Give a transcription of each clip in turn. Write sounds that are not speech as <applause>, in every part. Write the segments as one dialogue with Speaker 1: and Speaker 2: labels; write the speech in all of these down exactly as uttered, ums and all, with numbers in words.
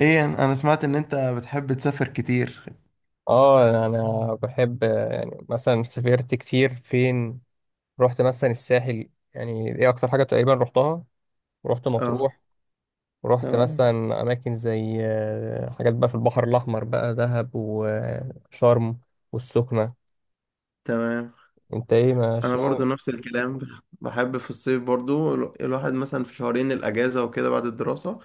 Speaker 1: ايه، انا أنا سمعت ان انت بتحب تسافر كتير؟
Speaker 2: اه، انا بحب، آه، يعني مثلا سافرت كتير فين. رحت مثلا الساحل، يعني دي اكتر حاجه تقريبا رحتها. ورحت
Speaker 1: اه.
Speaker 2: مطروح. ورحت
Speaker 1: تمام،
Speaker 2: مثلا اماكن زي آه، حاجات بقى في البحر الاحمر، بقى دهب وشرم والسخنه.
Speaker 1: تمام.
Speaker 2: انت ايه؟ مش
Speaker 1: انا برضو
Speaker 2: ناوي؟
Speaker 1: نفس الكلام. بحب في الصيف برضو ال- الواحد مثلا في شهرين الاجازه وكده بعد الدراسه،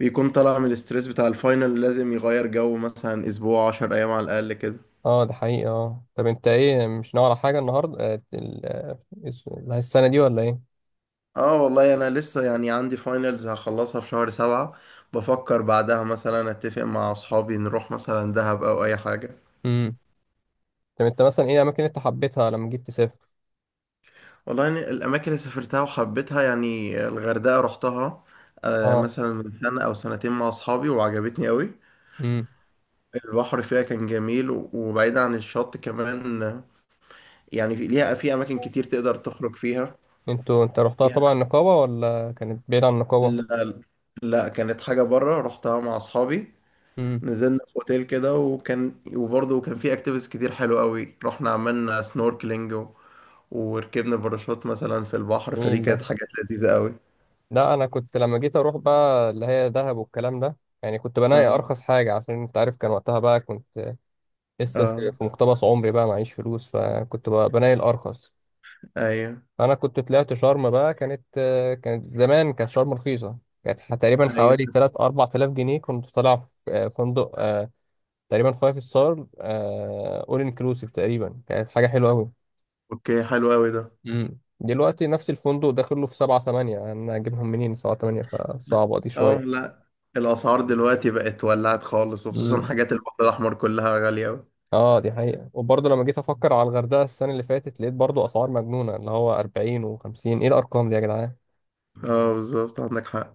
Speaker 1: بيكون طالع من الاسترس بتاع الفاينل. لازم يغير جو مثلا اسبوع عشر ايام على الاقل كده.
Speaker 2: اه ده حقيقي. اه طب انت ايه؟ مش ناوي على حاجه النهارده؟ آه، ال- آه، الس- السنه دي ولا ايه؟
Speaker 1: اه والله، انا لسه يعني عندي فاينلز هخلصها في شهر سبعة. بفكر بعدها مثلا اتفق مع اصحابي نروح مثلا دهب او اي حاجه.
Speaker 2: امم. طب انت مثلا ايه الاماكن اللي انت حبيتها لما جيت تسافر؟
Speaker 1: والله يعني الأماكن اللي سافرتها وحبيتها، يعني الغردقة رحتها آه،
Speaker 2: اه.
Speaker 1: مثلا من سنة أو سنتين مع أصحابي، وعجبتني أوي.
Speaker 2: امم.
Speaker 1: البحر فيها كان جميل و- وبعيد عن الشط كمان آه، يعني في- ليها في أماكن كتير تقدر تخرج فيها.
Speaker 2: انتوا انت رحتها
Speaker 1: فيها-
Speaker 2: طبعا النقابة، ولا كانت بعيدة عن النقابة؟
Speaker 1: لا, لا كانت حاجة بره رحتها مع أصحابي.
Speaker 2: امم.
Speaker 1: نزلنا في أوتيل كده، وكان وبرضه كان في أكتيفيتيز كتير حلوة أوي. رحنا عملنا سنوركلينج، و... وركبنا باراشوت مثلا في البحر. فدي
Speaker 2: جميل ده.
Speaker 1: كانت حاجات لذيذة أوي.
Speaker 2: لا انا كنت لما جيت اروح بقى اللي هي دهب والكلام ده، يعني كنت بناقي
Speaker 1: اه.
Speaker 2: ارخص حاجة، عشان انت عارف كان وقتها بقى كنت لسه في
Speaker 1: اه.
Speaker 2: في مقتبس عمري بقى، معيش فلوس، فكنت بقى بناقي الارخص.
Speaker 1: ايوه،
Speaker 2: انا كنت طلعت شرم بقى، كانت كانت زمان، كانت شرم رخيصة. كانت ح- تقريبا
Speaker 1: ايوه.
Speaker 2: حوالي ثلاثة اربعة الاف جنيه، كنت طالع في آه، فندق، آه، تقريبا فايف ستار اول انكلوسيف، تقريبا كانت حاجة حلوة قوي.
Speaker 1: اوكي، حلو قوي ده.
Speaker 2: مم. دلوقتي نفس الفندق داخل له في سبعة تمانية، أنا أجيبهم منين سبعة تمانية؟ فصعبة دي
Speaker 1: اه
Speaker 2: شوية.
Speaker 1: لا، الاسعار دلوقتي بقت ولعت خالص، وخصوصا
Speaker 2: مم.
Speaker 1: حاجات البحر الاحمر كلها غالية قوي.
Speaker 2: أه دي حقيقة. وبرضه لما جيت أفكر على الغردقة السنة اللي فاتت لقيت برضه أسعار مجنونة، اللي هو أربعين وخمسين، إيه الأرقام دي يا جدعان؟
Speaker 1: اه بالظبط، عندك حق.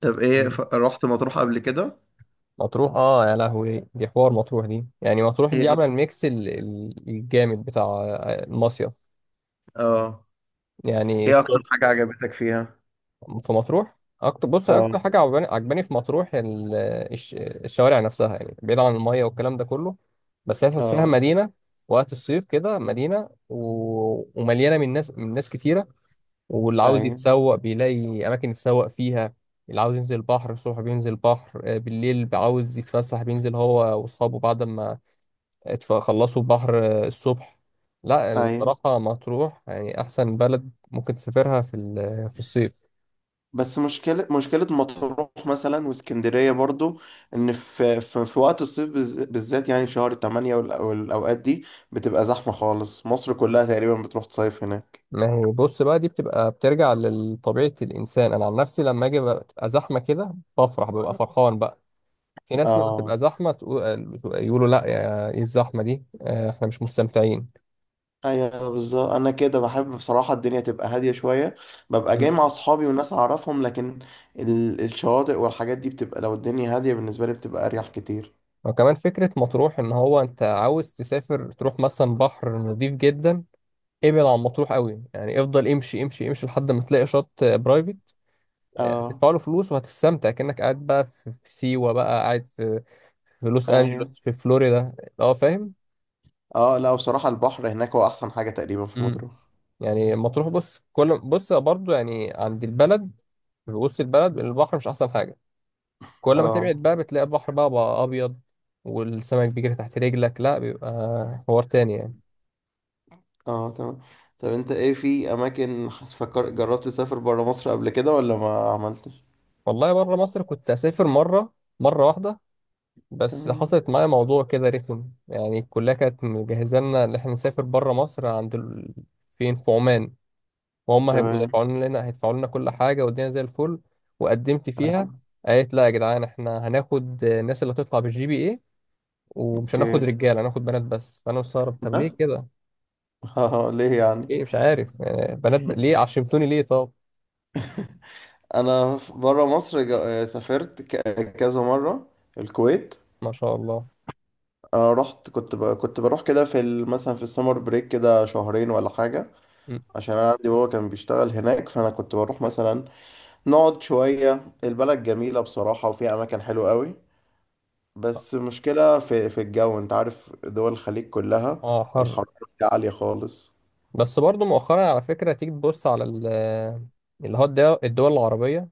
Speaker 1: طب ايه ف...
Speaker 2: مم.
Speaker 1: رحت مطروح قبل كده؟
Speaker 2: مطروح، أه يا لهوي، دي حوار، مطروح دي يعني، مطروح دي
Speaker 1: ايه
Speaker 2: عاملة
Speaker 1: اكتر؟
Speaker 2: الميكس ال- ال- الجامد بتاع آه، المصيف.
Speaker 1: اه.
Speaker 2: يعني
Speaker 1: ايه اكتر
Speaker 2: الصبح
Speaker 1: حاجة عجبتك فيها؟
Speaker 2: في مطروح، اكتر، بص اكتر
Speaker 1: اه.
Speaker 2: حاجه عجباني عجباني في مطروح ال- الش- الشوارع نفسها، يعني بعيد عن الميه والكلام ده كله، بس هي تحسها
Speaker 1: اه.
Speaker 2: مدينه وقت الصيف كده، مدينه و... ومليانه من ناس من ناس كتيره. واللي عاوز
Speaker 1: ايوه،
Speaker 2: يتسوق بيلاقي اماكن يتسوق فيها. اللي عاوز ينزل البحر الصبح بينزل البحر، آه، بالليل عاوز يتفسح بينزل هو واصحابه بعد ما اتف- خلصوا البحر آه، الصبح. لا
Speaker 1: ايوه.
Speaker 2: الصراحه مطروح يعني احسن بلد ممكن تسافرها في ال- في الصيف.
Speaker 1: بس مشكلة مشكلة مطروح مثلا واسكندرية برضو، ان في في, في وقت الصيف بالز- بالذات، يعني في شهر ثمانية والأوقات دي بتبقى زحمة خالص. مصر كلها تقريبا بتروح تصيف هناك.
Speaker 2: ما هي بص بقى، دي بتبقى بترجع لطبيعة الإنسان. أنا عن نفسي لما أجي بقى تبقى زحمة كده بفرح، ببقى فرحان بقى. في ناس لما
Speaker 1: اه
Speaker 2: تبقى زحمة تقول، يقولوا لا يا، إيه الزحمة دي؟ آه، إحنا مش مستمتعين.
Speaker 1: ايوه بالظبط، انا كده بحب بصراحه الدنيا تبقى هاديه شويه. ببقى جاي
Speaker 2: مم.
Speaker 1: مع اصحابي وناس اعرفهم، لكن ال... الشواطئ والحاجات دي بتبقى، لو الدنيا هاديه بالنسبه لي، بتبقى اريح كتير.
Speaker 2: وكمان فكرة مطروح، إن هو أنت عاوز تسافر تروح مثلا بحر نظيف جدا، ابعد عن مطروح قوي، يعني افضل امشي امشي امشي لحد ما تلاقي شط برايفت،
Speaker 1: اه
Speaker 2: هتدفع له فلوس وهتستمتع كأنك قاعد بقى في في سيوة، بقى قاعد في في لوس
Speaker 1: ايوه.
Speaker 2: أنجلوس، في فلوريدا. اه فاهم.
Speaker 1: اه لا، بصراحه البحر هناك هو احسن حاجه تقريبا في
Speaker 2: امم.
Speaker 1: مطروح.
Speaker 2: يعني مطروح بص كل، بص برضو يعني عند البلد، في وسط البلد البحر مش احسن حاجه. كل ما تبعد
Speaker 1: اه.
Speaker 2: بقى بتلاقي البحر بقى بقى ابيض، والسمك بيجري تحت رجلك، لا بيبقى حوار تاني يعني.
Speaker 1: اه تمام. طب انت ايه، في اماكن حس- فكر جربت تسافر برا مصر قبل كده ولا ما عملتش؟
Speaker 2: والله بره مصر كنت اسافر مره، مره واحده. بس
Speaker 1: تمام،
Speaker 2: حصلت معايا موضوع كده رخم، يعني الكليه كانت مجهزه لنا ان احنا نسافر بره مصر عند ال... فين، في عمان. وهم هيبقوا
Speaker 1: تمام.
Speaker 2: دافعوا لنا هيدفعوا لنا كل حاجه والدنيا زي الفل. وقدمت فيها.
Speaker 1: اه.
Speaker 2: قالت لا يا جدعان، احنا هناخد الناس اللي هتطلع بالجي بي اي، ومش
Speaker 1: اوكي.
Speaker 2: هناخد رجاله، هناخد بنات بس. فانا مستغرب، طب ليه
Speaker 1: بس. <laughs>
Speaker 2: كده؟
Speaker 1: اه ليه يعني؟
Speaker 2: ايه؟ مش عارف يعني، بنات ب... ليه؟ عشمتوني ليه طب؟
Speaker 1: انا بره مصر جا- سافرت ك- كذا مره. الكويت.
Speaker 2: ما شاء الله.
Speaker 1: أنا رحت، كنت ب... كنت بروح كده في ال... مثلا في السمر بريك كده شهرين ولا حاجه.
Speaker 2: م.
Speaker 1: عشان انا عندي بابا كان بيشتغل هناك، فانا كنت بروح مثلا نقعد شويه. البلد جميله بصراحه وفيها اماكن حلوه قوي. بس مشكله في في الجو، انت عارف دول الخليج كلها
Speaker 2: اه حر.
Speaker 1: الحراره فيها عاليه خالص.
Speaker 2: بس برضو مؤخرا على فكره تيجي تبص على ال- اللي هو الد- الدول العربيه،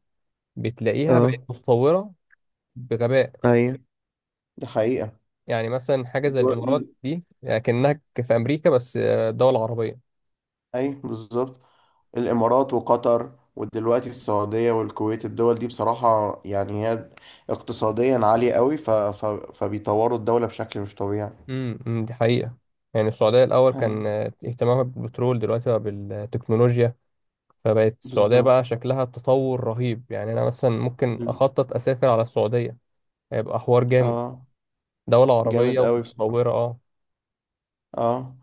Speaker 2: بتلاقيها
Speaker 1: اه
Speaker 2: بقت متطوره بغباء.
Speaker 1: ايوه، دي حقيقه.
Speaker 2: يعني مثلا حاجه زي الامارات
Speaker 1: دول...
Speaker 2: دي لكنها في امريكا، بس آه، دول عربيه.
Speaker 1: ايوه بالظبط. الإمارات وقطر ودلوقتي السعودية والكويت، الدول دي بصراحة يعني هي اقتصاديا عالية قوي، ف... ف... فبيطوروا الدولة بشكل مش طبيعي.
Speaker 2: امم. أمم، دي حقيقة. يعني السعودية الأول
Speaker 1: أيوة
Speaker 2: كان آه، اهتمامها بالبترول، دلوقتي بقى بالتكنولوجيا. فبقت السعودية بقى
Speaker 1: بالظبط.
Speaker 2: شكلها تطور رهيب. يعني أنا مثلا ممكن
Speaker 1: مم.
Speaker 2: أخطط أسافر على السعودية، هيبقى حوار جامد.
Speaker 1: اه
Speaker 2: دولة عربية
Speaker 1: جامد قوي بصراحة.
Speaker 2: ومتطورة، اه.
Speaker 1: اه.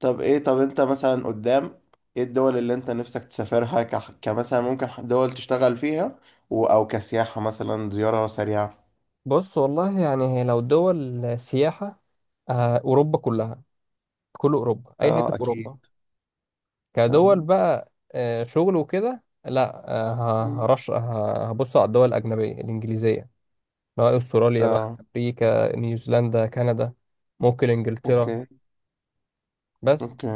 Speaker 1: طب ايه طب انت مثلا قدام، ايه الدول اللي انت نفسك تسافرها ك... كمثلا ممكن دول تشتغل فيها و... او كسياحة مثلا زيارة سريعة؟
Speaker 2: بص والله يعني هي لو دول سياحة، آه، أوروبا كلها. كل أوروبا، أي حتة
Speaker 1: اه
Speaker 2: في
Speaker 1: اكيد.
Speaker 2: أوروبا. كدول
Speaker 1: تمام.
Speaker 2: بقى آه، شغل وكده، لا آه، ه-
Speaker 1: مم.
Speaker 2: هرش، ه- هبص على الدول الأجنبية الإنجليزية، سواء استراليا بقى،
Speaker 1: اه
Speaker 2: امريكا، نيوزيلندا، كندا، ممكن انجلترا.
Speaker 1: اوكي.
Speaker 2: بس،
Speaker 1: اوكي.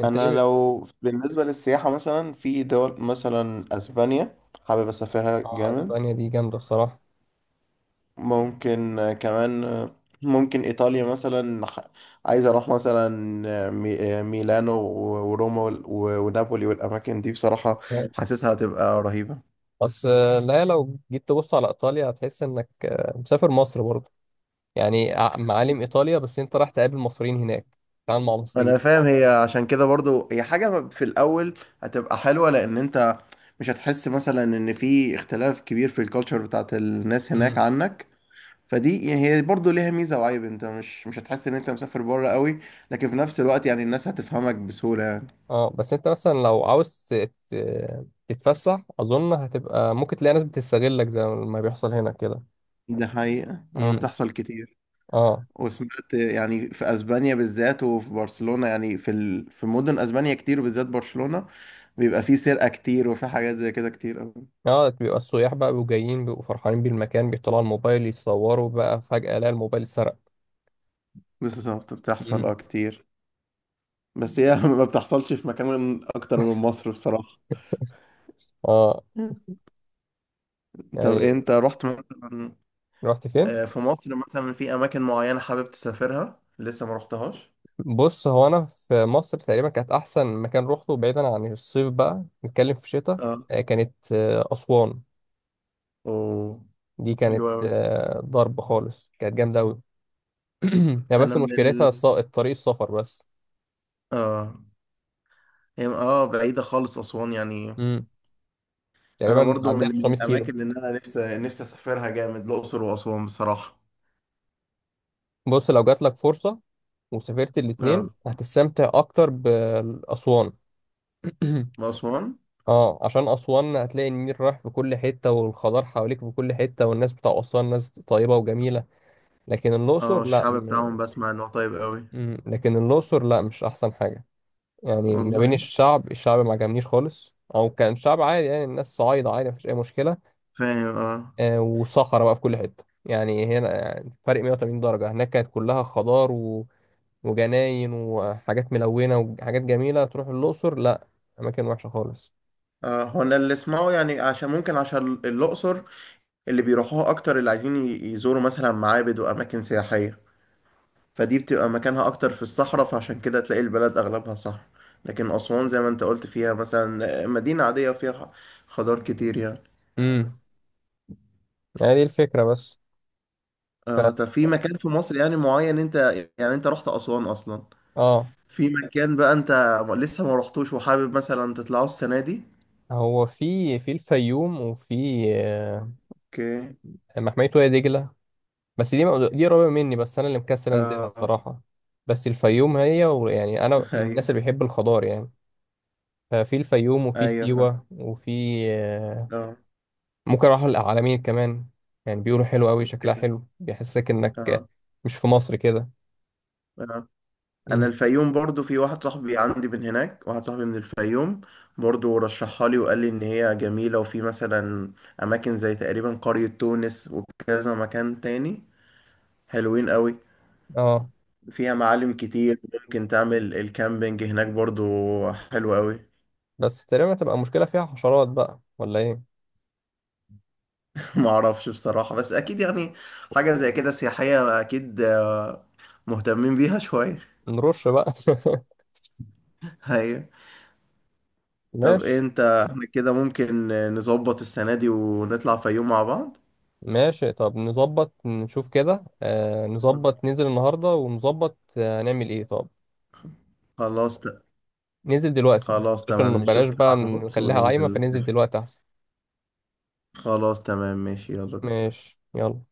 Speaker 2: انت
Speaker 1: انا
Speaker 2: ايه؟
Speaker 1: لو بالنسبه للسياحه مثلا في دول مثلا اسبانيا، حابب اسافرها
Speaker 2: اه
Speaker 1: جامد.
Speaker 2: اسبانيا دي جامده الصراحه.
Speaker 1: ممكن آه، كمان آه، ممكن ايطاليا مثلا، ح- عايز اروح مثلا آه، مي- آه، ميلانو و- وروما وال- و- ونابولي والاماكن دي بصراحه حاسسها هتبقى رهيبه.
Speaker 2: بس آه، لا لو جيت تبص على ايطاليا هتحس انك آه، مسافر مصر برضه. يعني ع- معالم ايطاليا، بس انت رايح تقابل مصريين هناك، تتعامل مع مصريين.
Speaker 1: انا فاهم، هي عشان كده برضو هي حاجه في الاول هتبقى حلوه، لان انت مش هتحس مثلا ان في اختلاف كبير في الكالتشر بتاعت الناس هناك
Speaker 2: امم.
Speaker 1: عنك. فدي يعني هي برضه ليها ميزة وعيب، انت مش مش هتحس ان انت مسافر بره قوي. لكن في نفس الوقت يعني الناس هتفهمك بسهولة يعني.
Speaker 2: اه بس انت مثلا لو عاوز ت- ت- تتفسح اظن هتبقى، ممكن تلاقي ناس بتستغلك زي ما بيحصل هنا كده.
Speaker 1: ده حقيقة، اه
Speaker 2: امم.
Speaker 1: بتحصل كتير.
Speaker 2: اه.
Speaker 1: وسمعت يعني في اسبانيا بالذات وفي برشلونة، يعني في ال... في مدن اسبانيا كتير، وبالذات برشلونة بيبقى في سرقة كتير وفي حاجات زي كده كتير قوي.
Speaker 2: اه بيبقى السياح بقى بيبقوا جايين، بيبقوا فرحانين بالمكان، بيطلعوا الموبايل يتصوروا بقى، فجأة لا الموبايل اتسرق.
Speaker 1: بالظبط،
Speaker 2: مم.
Speaker 1: بتحصل اه كتير. بس هي <laughs> ما بتحصلش في مكان اكتر من مصر بصراحة.
Speaker 2: اه
Speaker 1: طب
Speaker 2: يعني.
Speaker 1: انت رحت مثلا
Speaker 2: رحت فين؟
Speaker 1: آه، في مصر مثلا، في اماكن معينة حابب تسافرها لسه ما رحتهاش؟
Speaker 2: بص هو انا في مصر تقريبا كانت احسن مكان روحته، بعيدا عن الصيف بقى نتكلم في الشتاء،
Speaker 1: اه.
Speaker 2: آه، كانت آه، اسوان.
Speaker 1: اوه.
Speaker 2: دي
Speaker 1: حلو
Speaker 2: كانت
Speaker 1: قوي.
Speaker 2: آه، ضرب خالص، كانت جامده قوي. <clears throat> هي
Speaker 1: انا
Speaker 2: بس
Speaker 1: من ال
Speaker 2: مشكلتها الص- الطريق، السفر بس.
Speaker 1: اه هي اه بعيده خالص اسوان يعني.
Speaker 2: مم.
Speaker 1: انا
Speaker 2: تقريبا
Speaker 1: برضو من
Speaker 2: عندها
Speaker 1: من
Speaker 2: 900 كيلو.
Speaker 1: الاماكن اللي انا نفسي نفسي اسافرها جامد، الاقصر واسوان بصراحه.
Speaker 2: بص لو جات لك فرصه وسافرت الاتنين
Speaker 1: اه
Speaker 2: هتستمتع اكتر باسوان. <clears throat>
Speaker 1: واسوان.
Speaker 2: اه عشان اسوان هتلاقي النيل رايح في كل حته، والخضار حواليك في كل حته، والناس بتاع اسوان ناس طيبه وجميله. لكن
Speaker 1: اه،
Speaker 2: الاقصر لا
Speaker 1: الشعب
Speaker 2: م...
Speaker 1: بتاعهم بسمع انه طيب قوي.
Speaker 2: م- لكن الاقصر لا، مش احسن حاجه. يعني ما بين
Speaker 1: والله
Speaker 2: الشعب، الشعب ما عجبنيش خالص، او كان شعب عادي يعني، الناس صعايده عادي مفيش اي مشكله.
Speaker 1: فاهم، اه.
Speaker 2: آه وصخره بقى في كل حته، يعني هنا يعني فرق 180 درجه، هناك كانت كلها خضار و... وجناين وحاجات ملونه وحاجات جميله، تروح الاقصر لا، اماكن وحشه خالص.
Speaker 1: اه، هو انا اللي اسمعه يعني، عشان ممكن عشان الاقصر اللي بيروحوها اكتر اللي عايزين ي- يزوروا مثلا معابد واماكن سياحيه، فدي بتبقى مكانها اكتر في الصحراء. فعشان كده تلاقي البلد اغلبها صحراء. لكن اسوان زي ما انت قلت فيها مثلا مدينة عادية فيها خضار كتير يعني.
Speaker 2: امم. يعني دي الفكره بس.
Speaker 1: اه.
Speaker 2: ف...
Speaker 1: طب في مكان في مصر يعني معين انت، يعني انت رحت اسوان اصلا،
Speaker 2: اه
Speaker 1: في مكان بقى انت لسه ما رحتوش وحابب مثلا تطلعه السنة دي؟
Speaker 2: هو في في الفيوم، وفي آه،
Speaker 1: اوكي.
Speaker 2: محمية وادي دجلة. بس دي دي قريبة مني، بس أنا اللي مكسل أنزلها
Speaker 1: اه.
Speaker 2: الصراحة. بس الفيوم هي، ويعني أنا
Speaker 1: <laughs>
Speaker 2: من الناس
Speaker 1: ايوه.
Speaker 2: اللي بيحب الخضار يعني. ففي الفيوم وفي
Speaker 1: ايوه فاهم.
Speaker 2: سيوة وفي آه،
Speaker 1: اه
Speaker 2: ممكن أروح العلمين كمان. يعني بيقولوا حلو أوي، شكلها
Speaker 1: اوكي.
Speaker 2: حلو، بيحسسك إنك
Speaker 1: اه.
Speaker 2: مش في مصر كده.
Speaker 1: آه. انا
Speaker 2: مم.
Speaker 1: الفيوم، برضو في واحد صاحبي عندي من هناك، واحد صاحبي من الفيوم برضو رشحها لي، وقال لي ان هي جميلة، وفي مثلا اماكن زي تقريبا قرية تونس وكذا مكان تاني حلوين قوي.
Speaker 2: اه
Speaker 1: فيها معالم كتير، ممكن تعمل الكامبينج هناك برضو. حلو قوي.
Speaker 2: بس تقريبا هتبقى مشكلة فيها حشرات بقى ولا إيه؟
Speaker 1: <laughs> ما اعرفش بصراحة، بس اكيد يعني حاجة زي كده سياحية اكيد مهتمين بيها شوية.
Speaker 2: نرش بقى.
Speaker 1: <laughs> ايوه.
Speaker 2: <laughs>
Speaker 1: طب إيه
Speaker 2: ماشي.
Speaker 1: انت، احنا كده ممكن نظبط السنة دي ونطلع فيوم مع بعض؟
Speaker 2: ماشي طب نظبط، نشوف كده آه، نظبط ننزل النهاردة، ونظبط آه هنعمل ايه طب.
Speaker 1: خلاص.
Speaker 2: ننزل دلوقتي
Speaker 1: خلاص تمام،
Speaker 2: عشان
Speaker 1: نشوف
Speaker 2: بلاش
Speaker 1: كده
Speaker 2: بقى
Speaker 1: على الواتس
Speaker 2: نخليها عايمة،
Speaker 1: وننزل
Speaker 2: فننزل
Speaker 1: نتفق.
Speaker 2: دلوقتي احسن.
Speaker 1: خلاص تمام، ماشي، يلا بينا.
Speaker 2: ماشي يلا.